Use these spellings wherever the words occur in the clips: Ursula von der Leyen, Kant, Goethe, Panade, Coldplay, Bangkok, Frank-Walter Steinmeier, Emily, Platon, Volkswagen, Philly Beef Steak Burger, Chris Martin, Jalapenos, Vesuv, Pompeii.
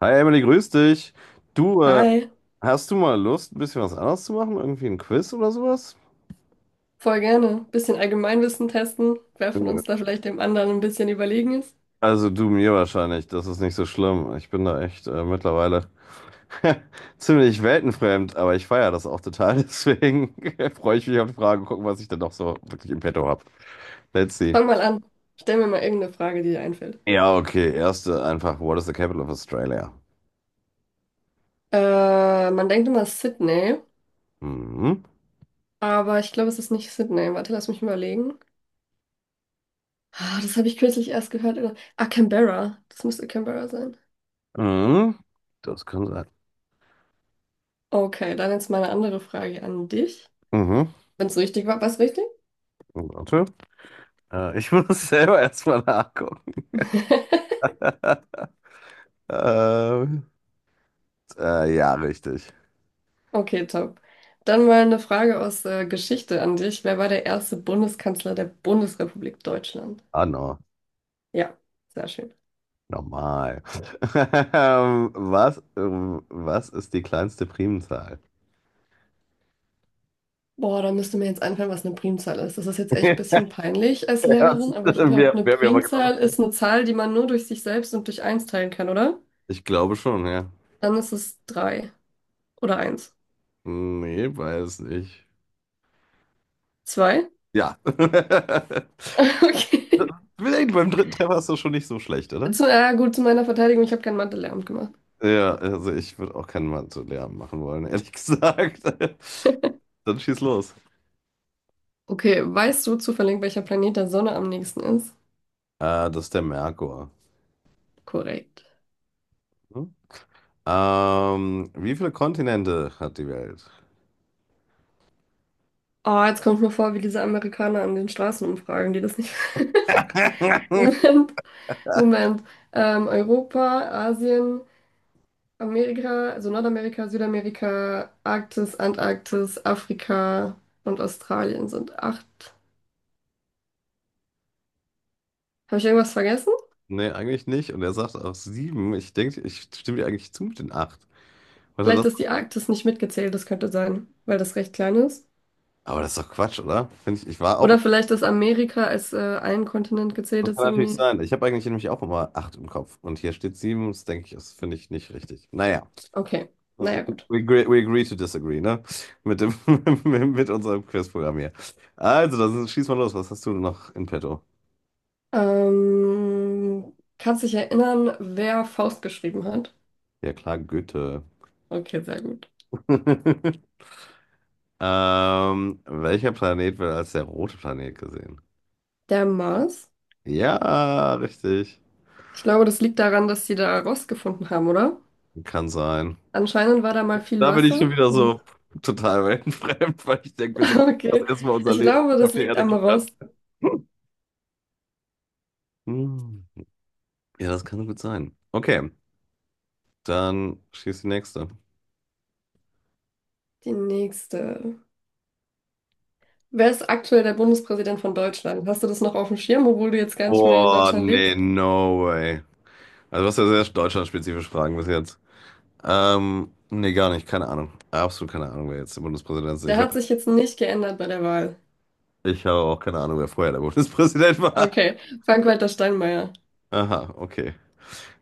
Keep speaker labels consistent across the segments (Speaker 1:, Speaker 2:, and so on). Speaker 1: Hi Emily, grüß dich. Du,
Speaker 2: Hi,
Speaker 1: hast du mal Lust, ein bisschen was anderes zu machen? Irgendwie ein Quiz oder sowas?
Speaker 2: voll gerne. Bisschen Allgemeinwissen testen, wer von
Speaker 1: Ja.
Speaker 2: uns da vielleicht dem anderen ein bisschen überlegen ist.
Speaker 1: Also du mir wahrscheinlich, das ist nicht so schlimm. Ich bin da echt mittlerweile ziemlich weltenfremd, aber ich feiere das auch total. Deswegen freue ich mich auf die Frage, gucken, was ich dann noch so wirklich im Petto habe. Let's see.
Speaker 2: Fang mal an. Stell mir mal irgendeine Frage, die dir einfällt.
Speaker 1: Ja, okay. Erste einfach, what is the capital of Australia?
Speaker 2: Man denkt immer Sydney,
Speaker 1: Mhm.
Speaker 2: aber ich glaube, es ist nicht Sydney. Warte, lass mich überlegen. Ah, das habe ich kürzlich erst gehört. Ah, Canberra. Das müsste Canberra sein.
Speaker 1: Mhm. Das kann sein.
Speaker 2: Okay, dann jetzt mal eine andere Frage an dich.
Speaker 1: Mhm.
Speaker 2: Wenn es richtig war, war es richtig?
Speaker 1: Warte. Ich muss selber erstmal nachgucken. Ähm, ja, richtig.
Speaker 2: Okay, top. Dann mal eine Frage aus Geschichte an dich. Wer war der erste Bundeskanzler der Bundesrepublik Deutschland?
Speaker 1: Ah, no.
Speaker 2: Ja, sehr schön.
Speaker 1: Normal. Was ist die kleinste Primzahl?
Speaker 2: Boah, da müsste mir jetzt einfallen, was eine Primzahl ist. Das ist jetzt echt ein bisschen peinlich als
Speaker 1: Das
Speaker 2: Lehrerin, aber ich glaube,
Speaker 1: wäre
Speaker 2: eine
Speaker 1: wär mir mal genau.
Speaker 2: Primzahl ist eine Zahl, die man nur durch sich selbst und durch eins teilen kann, oder?
Speaker 1: Ich glaube schon, ja.
Speaker 2: Dann ist es drei oder eins.
Speaker 1: Nee, weiß nicht.
Speaker 2: Zwei?
Speaker 1: Ja.
Speaker 2: Okay.
Speaker 1: Vielleicht beim dritten Treffer ist das schon nicht so schlecht, oder?
Speaker 2: Gut, zu meiner Verteidigung, ich habe kein Mathe-Lehramt gemacht.
Speaker 1: Ja, also ich würde auch keinen Mathe-Lehrer machen wollen, ehrlich gesagt. Dann schieß los.
Speaker 2: Okay, weißt du zufällig, welcher Planet der Sonne am nächsten ist?
Speaker 1: Das ist der Merkur.
Speaker 2: Korrekt.
Speaker 1: Hm? Wie viele Kontinente hat die Welt?
Speaker 2: Oh, jetzt kommt mir vor, wie diese Amerikaner an den Straßen umfragen, die das nicht. Moment, Moment. Europa, Asien. Amerika, also Nordamerika, Südamerika, Arktis, Antarktis, Afrika und Australien sind acht. Habe ich irgendwas vergessen?
Speaker 1: Nee, eigentlich nicht. Und er sagt auch sieben. Ich denke, ich stimme dir eigentlich zu mit den acht. Warte,
Speaker 2: Vielleicht
Speaker 1: das,
Speaker 2: ist die Arktis nicht mitgezählt, das könnte sein, weil das recht klein ist.
Speaker 1: aber das ist doch Quatsch, oder? Finde ich, ich war
Speaker 2: Oder
Speaker 1: auch.
Speaker 2: vielleicht ist Amerika als ein Kontinent gezählt,
Speaker 1: Das kann
Speaker 2: ist
Speaker 1: natürlich
Speaker 2: irgendwie.
Speaker 1: sein. Ich habe eigentlich nämlich auch immer acht im Kopf. Und hier steht sieben. Das denke ich, das finde ich nicht richtig. Naja,
Speaker 2: Okay,
Speaker 1: we,
Speaker 2: naja, gut.
Speaker 1: we agree to disagree, ne? Mit dem, mit unserem Quizprogramm hier. Also, dann schieß mal los. Was hast du noch in petto?
Speaker 2: Kannst dich erinnern, wer Faust geschrieben hat?
Speaker 1: Ja, klar, Goethe.
Speaker 2: Okay, sehr gut.
Speaker 1: Welcher Planet wird als der rote Planet gesehen?
Speaker 2: Der Mars.
Speaker 1: Ja, richtig.
Speaker 2: Ich glaube, das liegt daran, dass sie da Rost gefunden haben, oder?
Speaker 1: Kann sein.
Speaker 2: Anscheinend war da mal viel
Speaker 1: Da bin ich
Speaker 2: Wasser
Speaker 1: schon wieder
Speaker 2: und
Speaker 1: so total weltenfremd, weil ich denke, wir sollten das
Speaker 2: okay.
Speaker 1: erstmal unser
Speaker 2: Ich
Speaker 1: Leben auf
Speaker 2: glaube, das
Speaker 1: der
Speaker 2: liegt
Speaker 1: Erde
Speaker 2: am
Speaker 1: klären.
Speaker 2: Rost.
Speaker 1: Hm. Ja, das kann gut sein. Okay, dann schießt die nächste.
Speaker 2: Die nächste. Wer ist aktuell der Bundespräsident von Deutschland? Hast du das noch auf dem Schirm, obwohl du jetzt gar nicht mehr in
Speaker 1: Oh
Speaker 2: Deutschland
Speaker 1: nee,
Speaker 2: lebst?
Speaker 1: no way. Also, was ja sehr deutschlandspezifisch Fragen bis jetzt. Nee, gar nicht, keine Ahnung. Absolut keine Ahnung, wer jetzt der Bundespräsident ist.
Speaker 2: Der
Speaker 1: Ich weiß,
Speaker 2: hat sich jetzt nicht geändert bei der Wahl.
Speaker 1: ich habe auch keine Ahnung, wer vorher der Bundespräsident war.
Speaker 2: Okay. Frank-Walter Steinmeier.
Speaker 1: Aha, okay.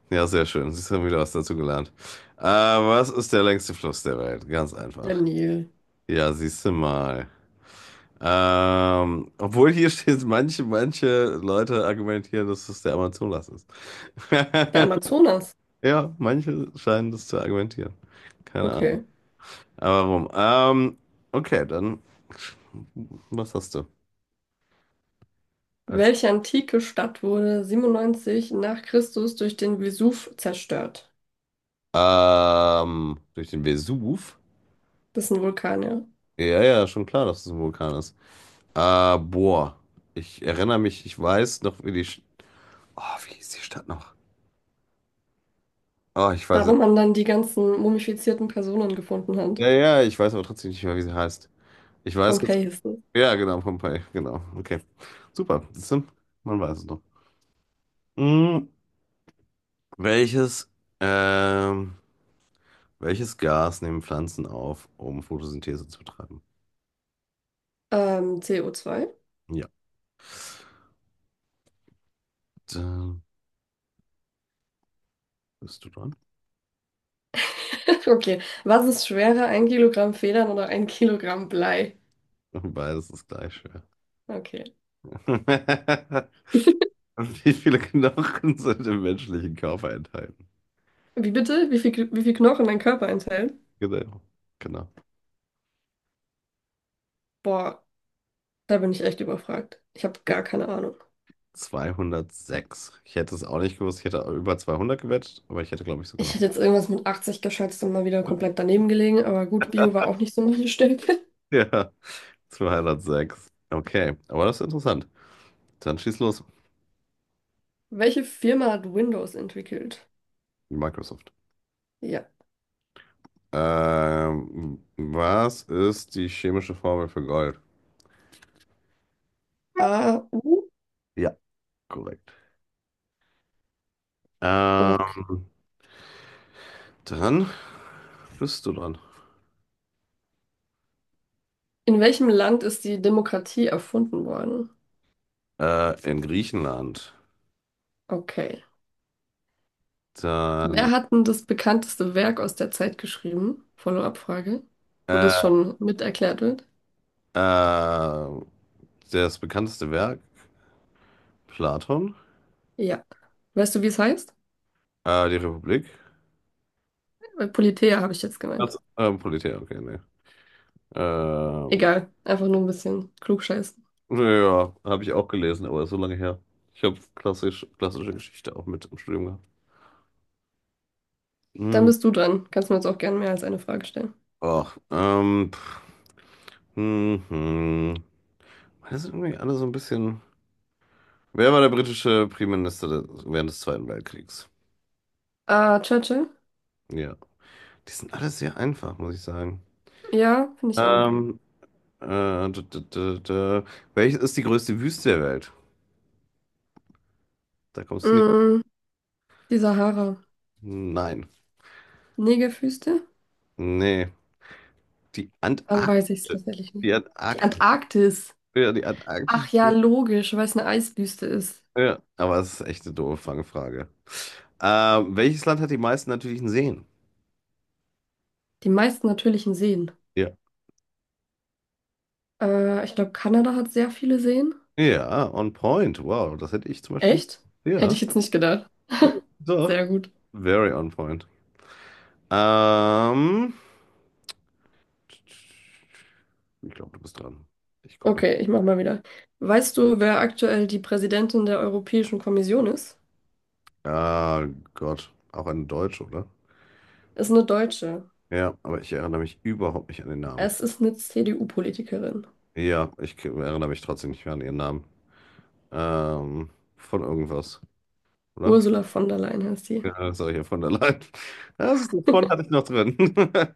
Speaker 1: Ja, sehr schön. Siehst du, haben wieder was dazu gelernt. Was ist der längste Fluss der Welt? Ganz
Speaker 2: Der
Speaker 1: einfach.
Speaker 2: Nil.
Speaker 1: Ja, siehst du mal. Obwohl hier steht, manche Leute argumentieren, dass es der Amazonas ist.
Speaker 2: Der Amazonas.
Speaker 1: Ja, manche scheinen das zu argumentieren. Keine Ahnung.
Speaker 2: Okay.
Speaker 1: Aber warum? Okay, dann was hast du als
Speaker 2: Welche antike Stadt wurde 97 nach Christus durch den Vesuv zerstört?
Speaker 1: durch den Vesuv?
Speaker 2: Das ist ein Vulkan, ja.
Speaker 1: Ja, ja, schon klar, dass es ein Vulkan ist. Boah, ich erinnere mich, ich weiß noch, wie die... Oh, wie hieß die Stadt noch? Oh, ich
Speaker 2: Da,
Speaker 1: weiß...
Speaker 2: wo man dann die ganzen mumifizierten Personen gefunden hat.
Speaker 1: Ja, ja, ich weiß aber trotzdem nicht mehr, wie sie heißt. Ich weiß ganz...
Speaker 2: Pompeji ist es.
Speaker 1: Ja, genau, Pompeii, genau. Okay, super. Siehst du? Man weiß es noch. Hm, welches, ähm, welches Gas nehmen Pflanzen auf, um Photosynthese zu betreiben?
Speaker 2: CO2.
Speaker 1: Ja. Dann bist du dran.
Speaker 2: Okay. Was ist schwerer, ein Kilogramm Federn oder ein Kilogramm Blei?
Speaker 1: Beides ist gleich schwer.
Speaker 2: Okay.
Speaker 1: Wie viele Knochen sind im menschlichen Körper enthalten?
Speaker 2: Wie bitte? Wie viel Knochen mein Körper enthält?
Speaker 1: Genau. Genau.
Speaker 2: Boah, da bin ich echt überfragt. Ich habe gar keine Ahnung.
Speaker 1: 206. Ich hätte es auch nicht gewusst. Ich hätte über 200 gewettet, aber ich hätte, glaube ich, so genau.
Speaker 2: Ich hätte jetzt irgendwas mit 80 geschätzt und mal wieder komplett daneben gelegen, aber gut, Bio war auch nicht so meine Stärke.
Speaker 1: Ja, 206. Okay, aber das ist interessant. Dann schieß los.
Speaker 2: Welche Firma hat Windows entwickelt?
Speaker 1: Microsoft.
Speaker 2: Ja.
Speaker 1: Was ist die chemische Formel für Gold?
Speaker 2: A AU?
Speaker 1: Ja, korrekt.
Speaker 2: Okay.
Speaker 1: Ähm, Dann bist du dran.
Speaker 2: In welchem Land ist die Demokratie erfunden worden?
Speaker 1: In Griechenland.
Speaker 2: Okay.
Speaker 1: Dann,
Speaker 2: Wer hat denn das bekannteste Werk aus der Zeit geschrieben? Follow-up-Frage, wo das
Speaker 1: äh,
Speaker 2: schon mit erklärt wird.
Speaker 1: äh, das bekannteste Werk, Platon,
Speaker 2: Ja. Weißt du, wie es heißt?
Speaker 1: die Republik.
Speaker 2: Politeia habe ich jetzt gemeint.
Speaker 1: Also, Politär, okay, nee. Ähm,
Speaker 2: Egal, einfach nur ein bisschen klugscheißen.
Speaker 1: ja, habe ich auch gelesen, aber ist so lange her. Ich habe klassische Geschichte auch mit im Studium gehabt.
Speaker 2: Dann
Speaker 1: Mhm.
Speaker 2: bist du dran. Kannst mir jetzt auch gerne mehr als eine Frage stellen.
Speaker 1: Ach, pff, mhm. Das sind irgendwie alle so ein bisschen. Wer war der britische Premierminister während des Zweiten Weltkriegs?
Speaker 2: Ah, Churchill?
Speaker 1: Ja. Die sind alle sehr einfach, muss ich sagen.
Speaker 2: Ja, finde ich auch.
Speaker 1: Ähm, d -d -d -d Welches ist die größte Wüste der Welt? Da kommst du nicht.
Speaker 2: Mm, die Sahara.
Speaker 1: Nein.
Speaker 2: Negerwüste?
Speaker 1: Nee. Die
Speaker 2: Dann weiß ich es
Speaker 1: Antarktis.
Speaker 2: tatsächlich
Speaker 1: Die
Speaker 2: nicht. Die
Speaker 1: Antarktis.
Speaker 2: Antarktis.
Speaker 1: Ja, die Antarktis.
Speaker 2: Ach ja, logisch, weil es eine Eiswüste ist.
Speaker 1: Ja, aber es ist echt eine doofe Fangfrage. Welches Land hat die meisten natürlichen Seen?
Speaker 2: Die meisten natürlichen Seen.
Speaker 1: Ja.
Speaker 2: Ich glaube, Kanada hat sehr viele Seen.
Speaker 1: Ja, on point. Wow, das hätte ich zum Beispiel nicht.
Speaker 2: Echt? Hätte
Speaker 1: Ja,
Speaker 2: ich jetzt nicht gedacht.
Speaker 1: ja, doch.
Speaker 2: Sehr gut.
Speaker 1: Very on point. Ähm, Ich glaube, du bist dran. Ich gucke mal.
Speaker 2: Okay, ich mach mal wieder. Weißt du, wer aktuell die Präsidentin der Europäischen Kommission ist?
Speaker 1: Ah, Gott. Auch eine Deutsche, oder?
Speaker 2: Ist eine Deutsche.
Speaker 1: Ja, aber ich erinnere mich überhaupt nicht an den Namen.
Speaker 2: Es ist eine CDU-Politikerin.
Speaker 1: Ja, erinnere mich trotzdem nicht mehr an ihren Namen. Ähm, von irgendwas, oder?
Speaker 2: Ursula von der Leyen heißt sie.
Speaker 1: Ja, das ich ja von der Leyen. Ja, siehst du, von hatte ich noch drin.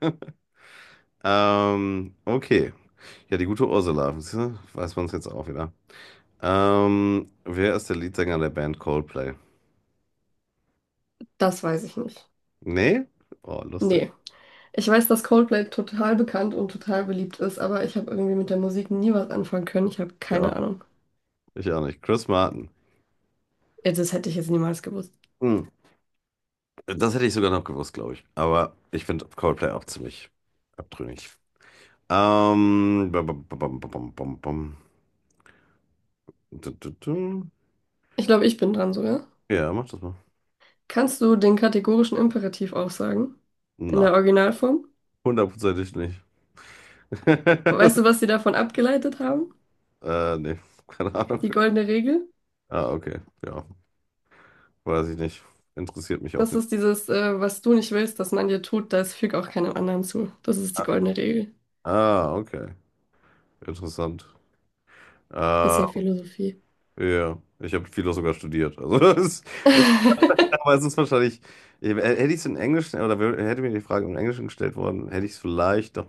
Speaker 1: Okay. Ja, die gute Ursula. Siehst du, weiß man es jetzt auch wieder. Wer ist der Leadsänger der Band Coldplay?
Speaker 2: Das weiß ich nicht.
Speaker 1: Nee? Oh, lustig.
Speaker 2: Nee. Ich weiß, dass Coldplay total bekannt und total beliebt ist, aber ich habe irgendwie mit der Musik nie was anfangen können. Ich habe
Speaker 1: Ich auch
Speaker 2: keine
Speaker 1: nicht.
Speaker 2: Ahnung.
Speaker 1: Ich auch nicht. Chris Martin.
Speaker 2: Ja, das hätte ich jetzt niemals gewusst.
Speaker 1: Hm. Das hätte ich sogar noch gewusst, glaube ich. Aber ich finde Coldplay auch ziemlich abtrünnig. Bam, bam, bam, bam, bam, bam. Bam. Du, du, du.
Speaker 2: Ich glaube, ich bin dran sogar.
Speaker 1: Ja, mach das mal.
Speaker 2: Kannst du den kategorischen Imperativ aufsagen? In
Speaker 1: Nein.
Speaker 2: der Originalform?
Speaker 1: Hundertprozentig nicht.
Speaker 2: Weißt du, was sie davon abgeleitet haben?
Speaker 1: Nee, keine Ahnung.
Speaker 2: Die goldene Regel?
Speaker 1: Ah, okay. Ja, weiß ich nicht. Interessiert mich auch
Speaker 2: Das
Speaker 1: nicht.
Speaker 2: ist dieses, was du nicht willst, dass man dir tut, das füg auch keinem anderen zu. Das ist die
Speaker 1: Ah,
Speaker 2: goldene Regel.
Speaker 1: ah, okay. Interessant. Ja,
Speaker 2: Bisschen Philosophie.
Speaker 1: ich habe Philo sogar studiert. Also, das ist, aber es ist wahrscheinlich, hätte ich es in Englisch oder hätte mir die Frage im Englischen gestellt worden, hätte ich es vielleicht doch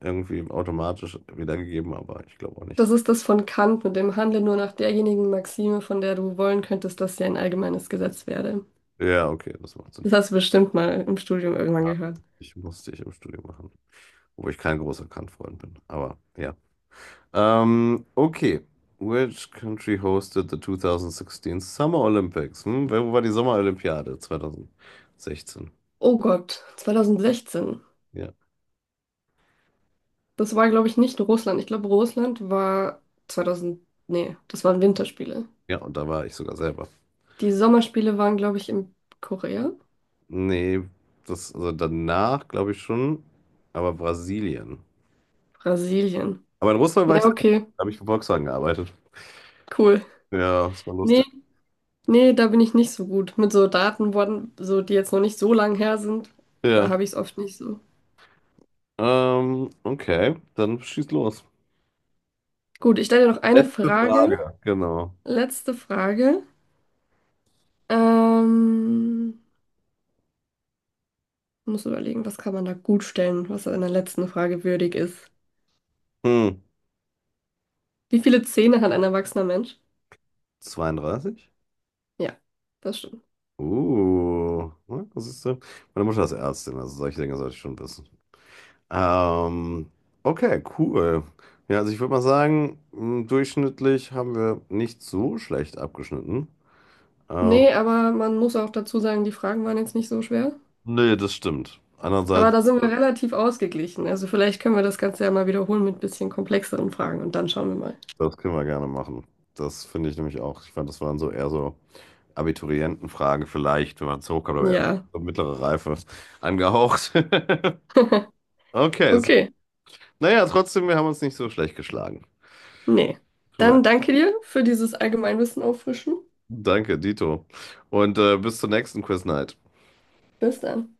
Speaker 1: irgendwie automatisch wiedergegeben, aber ich glaube auch nicht.
Speaker 2: Das ist das von Kant mit dem Handle nur nach derjenigen Maxime, von der du wollen könntest, dass sie ein allgemeines Gesetz werde.
Speaker 1: Ja, okay, das macht Sinn.
Speaker 2: Das hast du bestimmt mal im Studium irgendwann gehört.
Speaker 1: Ich musste ich im Studium machen, wo ich kein großer Kant-Freund bin. Aber ja. Okay. Which country hosted the 2016 Summer Olympics? Hm? Wo war die Sommerolympiade 2016?
Speaker 2: Oh Gott, 2016.
Speaker 1: Ja.
Speaker 2: Das war, glaube ich, nicht Russland. Ich glaube, Russland war 2000. Nee, das waren Winterspiele.
Speaker 1: Ja, und da war ich sogar selber.
Speaker 2: Die Sommerspiele waren, glaube ich, in Korea.
Speaker 1: Nee, das, also danach glaube ich schon, aber Brasilien.
Speaker 2: Brasilien.
Speaker 1: Aber in Russland war ich
Speaker 2: Ja,
Speaker 1: selber.
Speaker 2: okay,
Speaker 1: Da habe ich für Volkswagen gearbeitet.
Speaker 2: cool.
Speaker 1: Ja, das war
Speaker 2: Nee,
Speaker 1: lustig.
Speaker 2: nee, da bin ich nicht so gut. Mit so Daten, wurden- so, die jetzt noch nicht so lang her sind, da
Speaker 1: Ja.
Speaker 2: habe ich es oft nicht so.
Speaker 1: Okay, dann schieß los.
Speaker 2: Gut, ich stelle dir noch eine
Speaker 1: Letzte
Speaker 2: Frage.
Speaker 1: Frage. Genau.
Speaker 2: Letzte Frage. Ähm, Muss überlegen, was kann man da gut stellen, was in der letzten Frage würdig ist.
Speaker 1: Hm.
Speaker 2: Wie viele Zähne hat ein erwachsener Mensch?
Speaker 1: 32?
Speaker 2: Ja, das stimmt.
Speaker 1: Ne, das ist, meine Mutter ist Ärztin, also solche Dinge sollte ich schon wissen. Ähm, okay, cool. Ja, also ich würde mal sagen, durchschnittlich haben wir nicht so schlecht abgeschnitten. Ähm,
Speaker 2: Nee, aber man muss auch dazu sagen, die Fragen waren jetzt nicht so schwer.
Speaker 1: Nee, das stimmt.
Speaker 2: Aber
Speaker 1: Andererseits,
Speaker 2: da sind wir relativ ausgeglichen. Also vielleicht können wir das Ganze ja mal wiederholen mit ein bisschen komplexeren Fragen und dann schauen wir mal.
Speaker 1: das können wir gerne machen. Das finde ich nämlich auch. Ich fand, das waren so eher so Abiturientenfragen vielleicht, wenn man es hochkommt, aber eher
Speaker 2: Ja.
Speaker 1: so mittlere Reife angehaucht. Okay,
Speaker 2: Okay.
Speaker 1: naja, trotzdem, wir haben uns nicht so schlecht geschlagen.
Speaker 2: Nee.
Speaker 1: Schon mal
Speaker 2: Dann danke dir für dieses Allgemeinwissen auffrischen.
Speaker 1: Danke, Dito. Und bis zur nächsten Quiz Night.
Speaker 2: Bis dann.